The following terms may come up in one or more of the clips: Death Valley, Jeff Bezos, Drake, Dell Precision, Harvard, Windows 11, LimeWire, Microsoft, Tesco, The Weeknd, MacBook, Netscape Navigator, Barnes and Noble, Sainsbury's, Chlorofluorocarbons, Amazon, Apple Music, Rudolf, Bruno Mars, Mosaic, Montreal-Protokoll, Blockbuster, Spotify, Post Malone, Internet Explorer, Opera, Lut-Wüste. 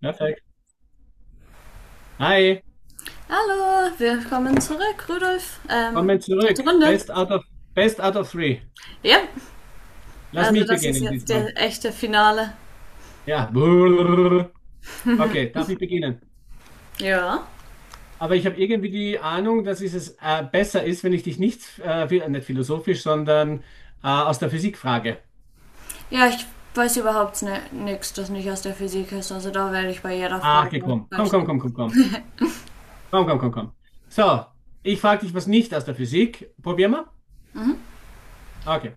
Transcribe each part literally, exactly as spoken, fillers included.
Perfekt. Hi, Hallo, willkommen zurück, Rudolf. kommen Ähm, dritte zurück. Runde. Best out of, best out of three. Ja, Lass also mich das ist beginnen jetzt diesmal. der echte Finale. Ja. Okay, darf ich beginnen? Ja. Aber ich habe irgendwie die Ahnung, dass es äh, besser ist, wenn ich dich nicht, äh, phi- nicht philosophisch, sondern äh, aus der Physik frage. Ja, ich weiß überhaupt nichts, das nicht aus der Physik ist. Also da werde ich bei jeder Ach, okay, Frage komm, komm, falsch komm, sein. komm, komm, komm, komm, komm, komm, komm. So, ich frage dich was nicht aus der Physik. Probier mal. Okay.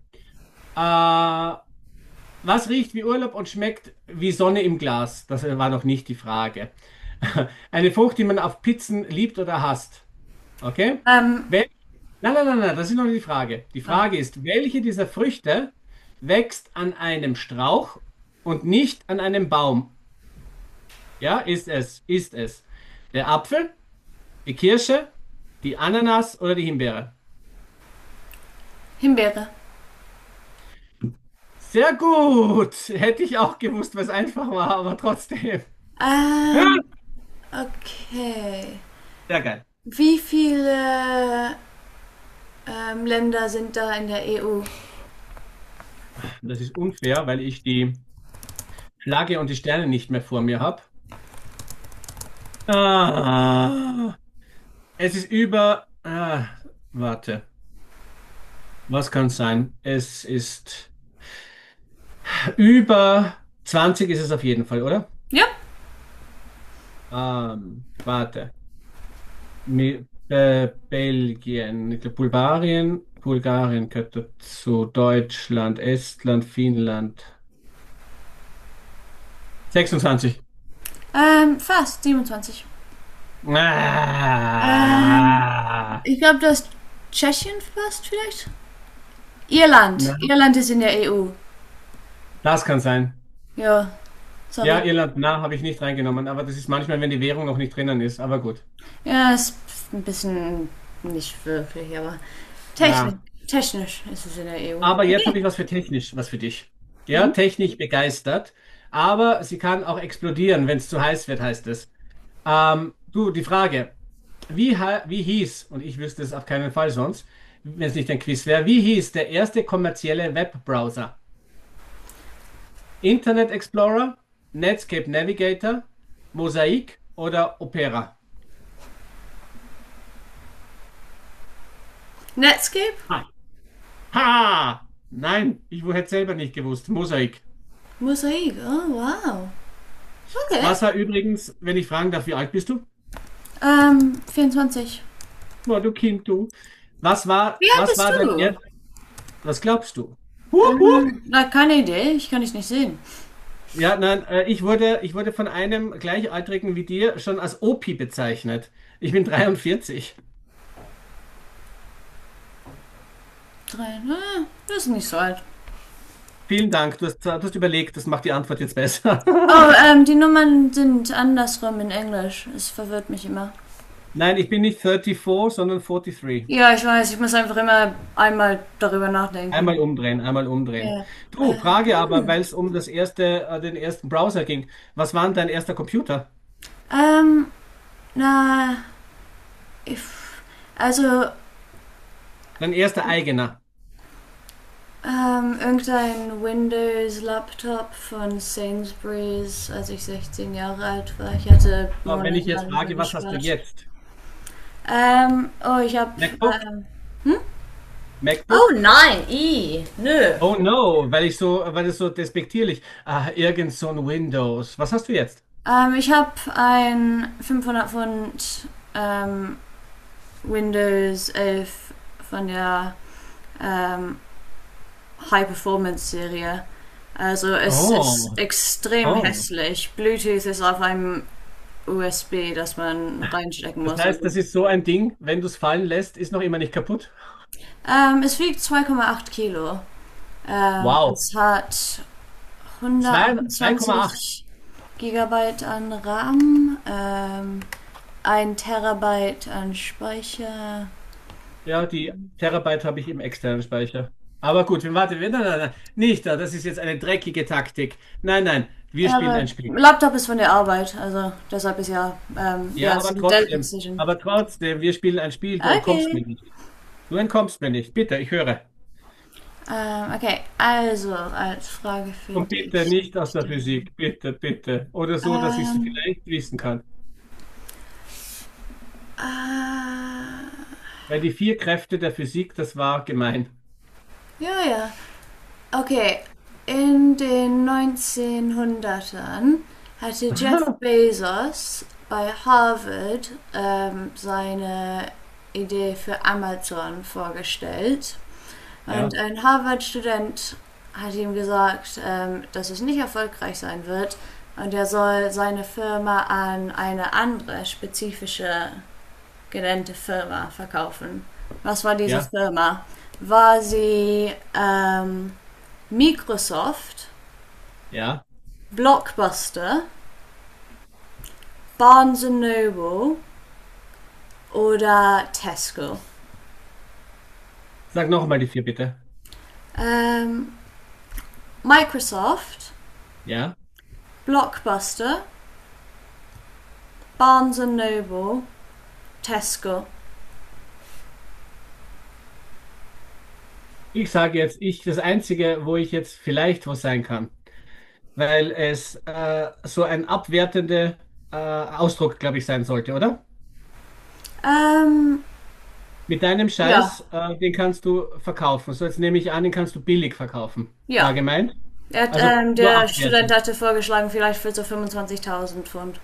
Äh, Was riecht wie Urlaub und schmeckt wie Sonne im Glas? Das war noch nicht die Frage. Eine Frucht, die man auf Pizzen liebt oder hasst. Okay? Ähm, Wel Nein, nein, nein, nein, das ist noch nicht die Frage. Die oh, Frage ist, welche dieser Früchte wächst an einem Strauch und nicht an einem Baum? Ja, ist es, ist es. Der Apfel, die Kirsche, die Ananas oder die Himbeere? Himbeere. Sehr gut! Hätte ich auch gewusst, was einfach war, aber trotzdem. Ähm, okay. Sehr geil. Wie viele ähm, Länder sind da in der E U? Das ist unfair, weil ich die Flagge und die Sterne nicht mehr vor mir habe. Ah, es ist über. Ah, warte, was kann es sein? Es ist über zwanzig ist es auf jeden Fall, oder? Ja. Ähm, warte. Mi- äh, Belgien, ich glaub, Bulgarien, Bulgarien gehört dazu, Deutschland, Estland, Finnland. Sechsundzwanzig. Ähm, fast siebenundzwanzig. Ähm, Ah, Ich glaube, das Tschechien fast vielleicht. Irland. na, Irland ist in der E U. das kann sein. Ja, sorry. Ja, Irland, na, habe ich nicht reingenommen, aber das ist manchmal, wenn die Währung noch nicht drinnen ist, aber gut. Ja, ist ein bisschen nicht wirklich, aber technisch, Na, technisch ist es in der E U. aber jetzt habe Okay. ich was für technisch, was für dich. Ja, technisch begeistert, aber sie kann auch explodieren, wenn es zu heiß wird, heißt es. Ähm, du, die Frage, wie, ha- wie hieß, und ich wüsste es auf keinen Fall sonst, wenn es nicht ein Quiz wäre, wie hieß der erste kommerzielle Webbrowser? Internet Explorer, Netscape Navigator, Mosaic oder Opera? Netscape? Ha! Nein, ich hätte selber nicht gewusst. Mosaik. Mosaik. Oh, wow. Okay. Was war übrigens, wenn ich fragen darf, wie alt bist du? Ähm, vierundzwanzig. Boah, du Kind, du. Was war, Wie alt was bist war dein du? erst, Was glaubst du? Hup, hup. Ähm, na, keine Idee. Ich kann dich nicht sehen. Ja, nein, äh, ich wurde, ich wurde von einem Gleichaltrigen wie dir schon als Opi bezeichnet. Ich bin dreiundvierzig. Drei. Na, das ist nicht so alt. Vielen Dank, du hast, du hast überlegt, das macht die Antwort jetzt besser. Oh, ähm, die Nummern sind andersrum in Englisch. Es verwirrt mich immer. Nein, ich bin nicht vierunddreißig, sondern dreiundvierzig. Ja, ich weiß. Ich muss einfach immer einmal darüber Einmal nachdenken. umdrehen, einmal umdrehen. Ja, Du, äh, Frage aber, weil es um das erste, äh, den ersten Browser ging. Was war denn dein erster Computer? ähm, na, ich, also, Dein erster eigener? ähm, irgendein Windows-Laptop von Sainsbury's, als ich sechzehn Jahre alt war. Ich hatte So, wenn ich jetzt monatelang dafür frage, was hast du gespart. jetzt? Ähm, oh, ich hab, MacBook? ähm, Oh MacBook? nein, i, nö. Oh no, weil ich so, weil es so despektierlich. Ah, irgend so ein Windows. Was hast du jetzt? Ähm, ich hab ein fünfhundert Pfund, ähm, Windows elf von der, ähm, High-Performance-Serie. Also es ist Oh, extrem oh. hässlich. Bluetooth ist auf einem U S B, das man reinstecken Das muss. heißt, Also, das ist so ein Ding, wenn du es fallen lässt, ist noch immer nicht kaputt. Ähm, es wiegt zwei Komma acht Kilo. Ähm, Wow. Es hat Zwei- Komma acht. hundertachtundzwanzig Gigabyte an RAM, ähm, ein Terabyte an Speicher. Ja, die Terabyte habe ich im externen Speicher. Aber gut, wir warten. wir- Nein, nein, nein. Nicht da. Das ist jetzt eine dreckige Taktik. Nein, nein. Wir Ja, spielen ein der Spiel. Laptop ist von der Arbeit, also deshalb ist ja, ähm, ja, Ja, es aber ist ein Dell trotzdem. Precision. Aber trotzdem, wir spielen ein Spiel. Du entkommst Okay. mir nicht. Du entkommst mir nicht. Bitte, ich höre. Ähm, okay, also als Frage Und finde bitte ich nicht aus mich der dann. Physik. Bitte, bitte. Oder so, dass ich es Ähm, vielleicht wissen kann. äh, Weil die vier Kräfte der Physik, das war gemein. ja, ja. Okay, in den neunzehnhundertern hatte Jeff Bezos bei Harvard ähm, seine Idee für Amazon vorgestellt. Und Ja, ein Harvard-Student hat ihm gesagt, ähm, dass es nicht erfolgreich sein wird und er soll seine Firma an eine andere spezifische genannte Firma verkaufen. Was war diese ja, Firma? War sie ähm, Microsoft, ja. Blockbuster, Barnes and Noble oder Tesco? Sag nochmal die vier, bitte. Ähm, Microsoft, Ja. Blockbuster, Barnes and Noble, Tesco. Ich sage jetzt, ich, das Einzige, wo ich jetzt vielleicht was sein kann. Weil es äh, so ein abwertender äh, Ausdruck, glaube ich, sein sollte, oder? Ähm, Mit deinem Ja, Scheiß, äh, den kannst du verkaufen. So, jetzt nehme ich an, den kannst du billig verkaufen. War ja. gemeint? Er hat, Also ähm, nur der Student abwertend. hatte vorgeschlagen, vielleicht für so fünfundzwanzigtausend Pfund.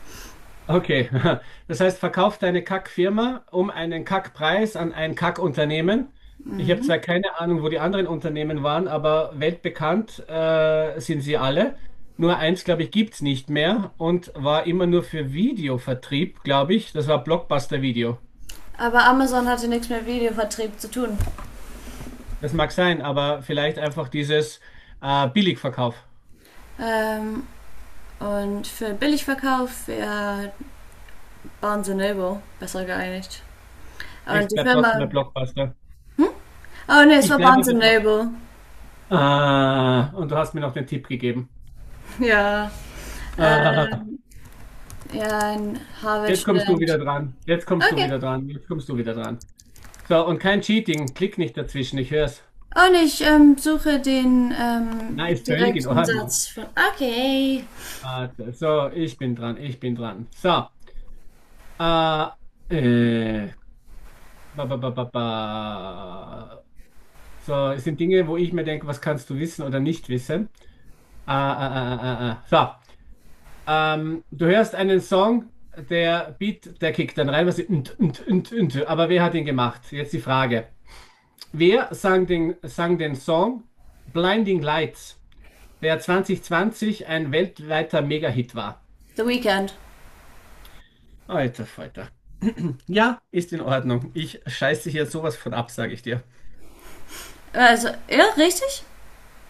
Okay, das heißt, verkauf deine Kackfirma um einen Kackpreis an ein Kackunternehmen. Ich habe zwar keine Ahnung, wo die anderen Unternehmen waren, aber weltbekannt äh, sind sie alle. Nur eins, glaube ich, gibt's nicht mehr und war immer nur für Videovertrieb, glaube ich. Das war Blockbuster-Video. Aber Amazon hatte nichts mit Videovertrieb zu tun. Das mag sein, aber vielleicht einfach dieses äh, Billigverkauf. Ähm, und für Billigverkauf wäre Barnes and Noble besser geeinigt. Und Ich die bleib trotzdem bei Firma. Blockbuster. Oh ne, es Ich war bleibe Barnes bei and Blockbuster. Noble. Ah, und du hast mir noch den Tipp gegeben. Ja. Ah. Ähm, ja, ein Jetzt kommst du wieder Harvard-Student. dran. Jetzt kommst du Okay. wieder dran. Jetzt kommst du wieder dran. So, und kein Cheating. Klick nicht dazwischen. Ich hör's. Und ich ähm, suche den ähm, Na, ist völlig in direkten Ordnung. Satz von. Okay. Warte, so, ich bin dran. Ich bin dran. So, äh, äh, ba, ba, ba, ba, ba. So, es sind Dinge, wo ich mir denke, was kannst du wissen oder nicht wissen. Äh, äh, äh, äh, äh. So, ähm, du hörst einen Song, der Beat, der kickt dann rein, was und, und, und, und. Aber wer hat ihn gemacht? Jetzt die Frage. Wer sang den, sang den Song Blinding Lights, der zwanzig zwanzig ein weltweiter Mega-Hit war? The Weekend. Alter Falter. Ja, ist in Ordnung. Ich scheiße hier sowas von ab, sage ich dir. Also, ja, richtig?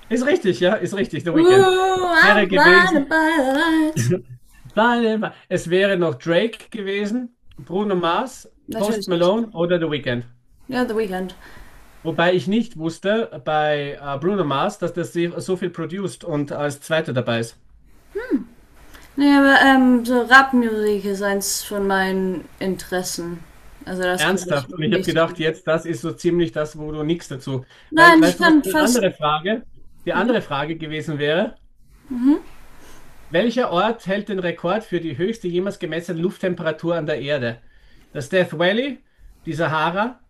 Ist richtig, ja, ist richtig, The Weeknd. Ooh, Wäre I'm gewesen. blinded by lights. Es wäre noch Drake gewesen, Bruno Mars, Post Natürlich nicht. Malone oder The Weeknd. Ja, The Weeknd. Wobei ich nicht wusste bei äh, Bruno Mars, dass das so so viel produced und als Zweiter dabei ist. Nee, aber ähm, so Rap-Musik ist eins von meinen Interessen. Also das kenne ich Ernsthaft. Und ich habe richtig gedacht, gut. jetzt, das ist so ziemlich das, wo du nichts dazu. Weil, Nein, ich weißt du, was kann eine fast andere Frage, die nee. andere Frage gewesen wäre? Welcher Ort hält den Rekord für die höchste jemals gemessene Lufttemperatur an der Erde? Das Death Valley, die Sahara,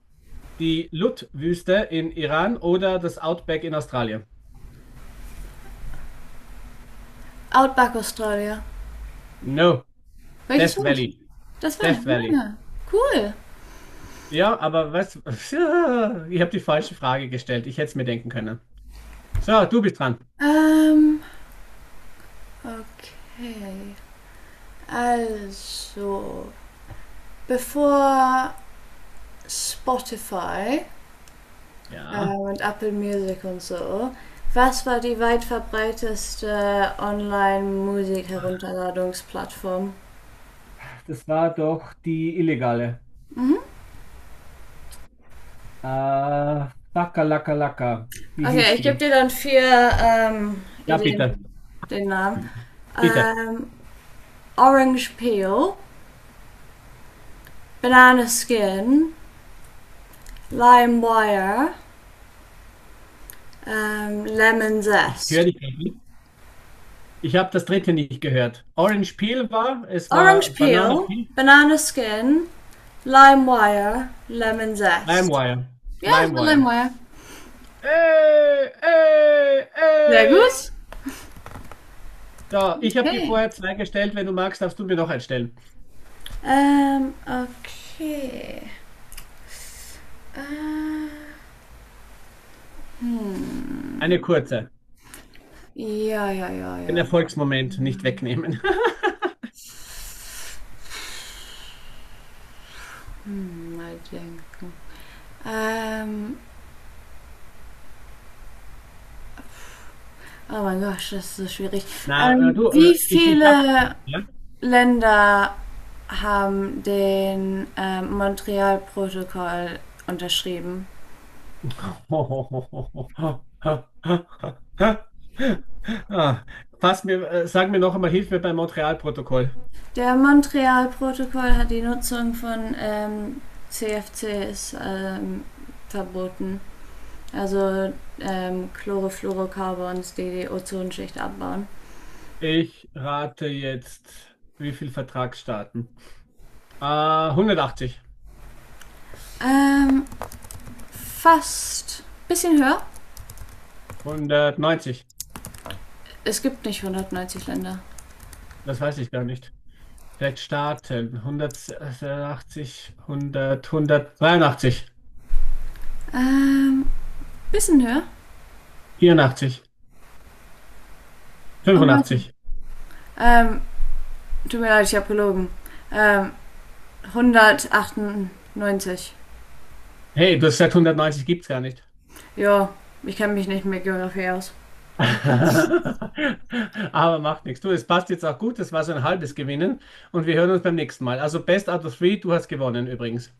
die Lut-Wüste in Iran oder das Outback in Australien? Outback Australia. No, Welches Death war das? Valley. Das war Death nicht. Ja, Valley. ja. Cool. Ja, aber was? Ich habe die falsche Frage gestellt. Ich hätte es mir denken können. So, du bist dran. Ähm, okay. Also, bevor Spotify Ja, ähm, und Apple Music und so. Was war die weit verbreiteste Online-Musik-Herunterladungsplattform? das war doch die illegale. Äh, Laka Laka Laka. Wie hieß Okay, ich gebe die? dir dann vier ähm, Ja, bitte. Ideen, den Namen. Bitte. Ähm, Orange Peel, Banana Skin, LimeWire, ähm, Lemon Ich höre Zest. dich nicht. Ich habe das dritte nicht gehört. Orange Peel war, es war Orange Banana Peel, Peel, Banana Skin, LimeWire, Lemon Zest. LimeWire. Ja, das war LimeWire. LimeWire. Ey, ey, Sehr ey. gut. So, ich habe dir Okay. vorher zwei gestellt. Wenn du magst, darfst du mir noch eins stellen. Ähm, okay. Ah, hm. Eine kurze. Ja, ja, ja, Den ja. Erfolgsmoment nicht Ähm, wegnehmen. Hm, mal denken. Ähm, oh mein Gott, das ist so schwierig. Na, äh, Ähm, du, äh, Wie ich, ich habe. viele Länder haben den ähm, Montreal-Protokoll unterschrieben? Ah, fass mir, äh, sag mir noch einmal, hilf mir beim Montreal-Protokoll. Der Montreal-Protokoll hat die Nutzung von ähm, C F Cs ähm, verboten. Also ähm, Chlorofluorocarbons, die die Ozonschicht abbauen. Ich rate jetzt, wie viel Vertragsstaaten? Ah, hundertachtzig, Ähm, fast. Bisschen höher. hundertneunzig, Es gibt nicht hundertneunzig Länder. das weiß ich gar nicht. Vielleicht Staaten, hundertachtzig, hundert, hundertdreiundachtzig, Ähm, bisschen höher. vierundachtzig, Oh, warte. fünfundachtzig. Ähm, Tut mir leid, ich habe gelogen. Ähm, hundertachtundneunzig. Hey, das seit hundertneunzig gibt's gar nicht. Ja, ich kenne mich nicht mit Geografie aus. Aber macht nichts. Du, es passt jetzt auch gut. Das war so ein halbes Gewinnen. Und wir hören uns beim nächsten Mal. Also Best out of three, du hast gewonnen übrigens.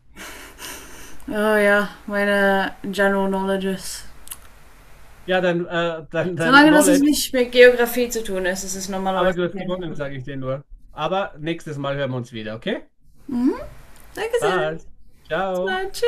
Oh ja, meine General Knowledges. Ja, dein, äh, dein, dein Solange das Knowledge, nicht mit Geografie zu tun ist, ist es aber normalerweise du hast okay. gewonnen, sage ich dir nur. Aber nächstes Mal hören wir uns wieder, okay? Danke sehr. Passt. Ciao. Tschüss.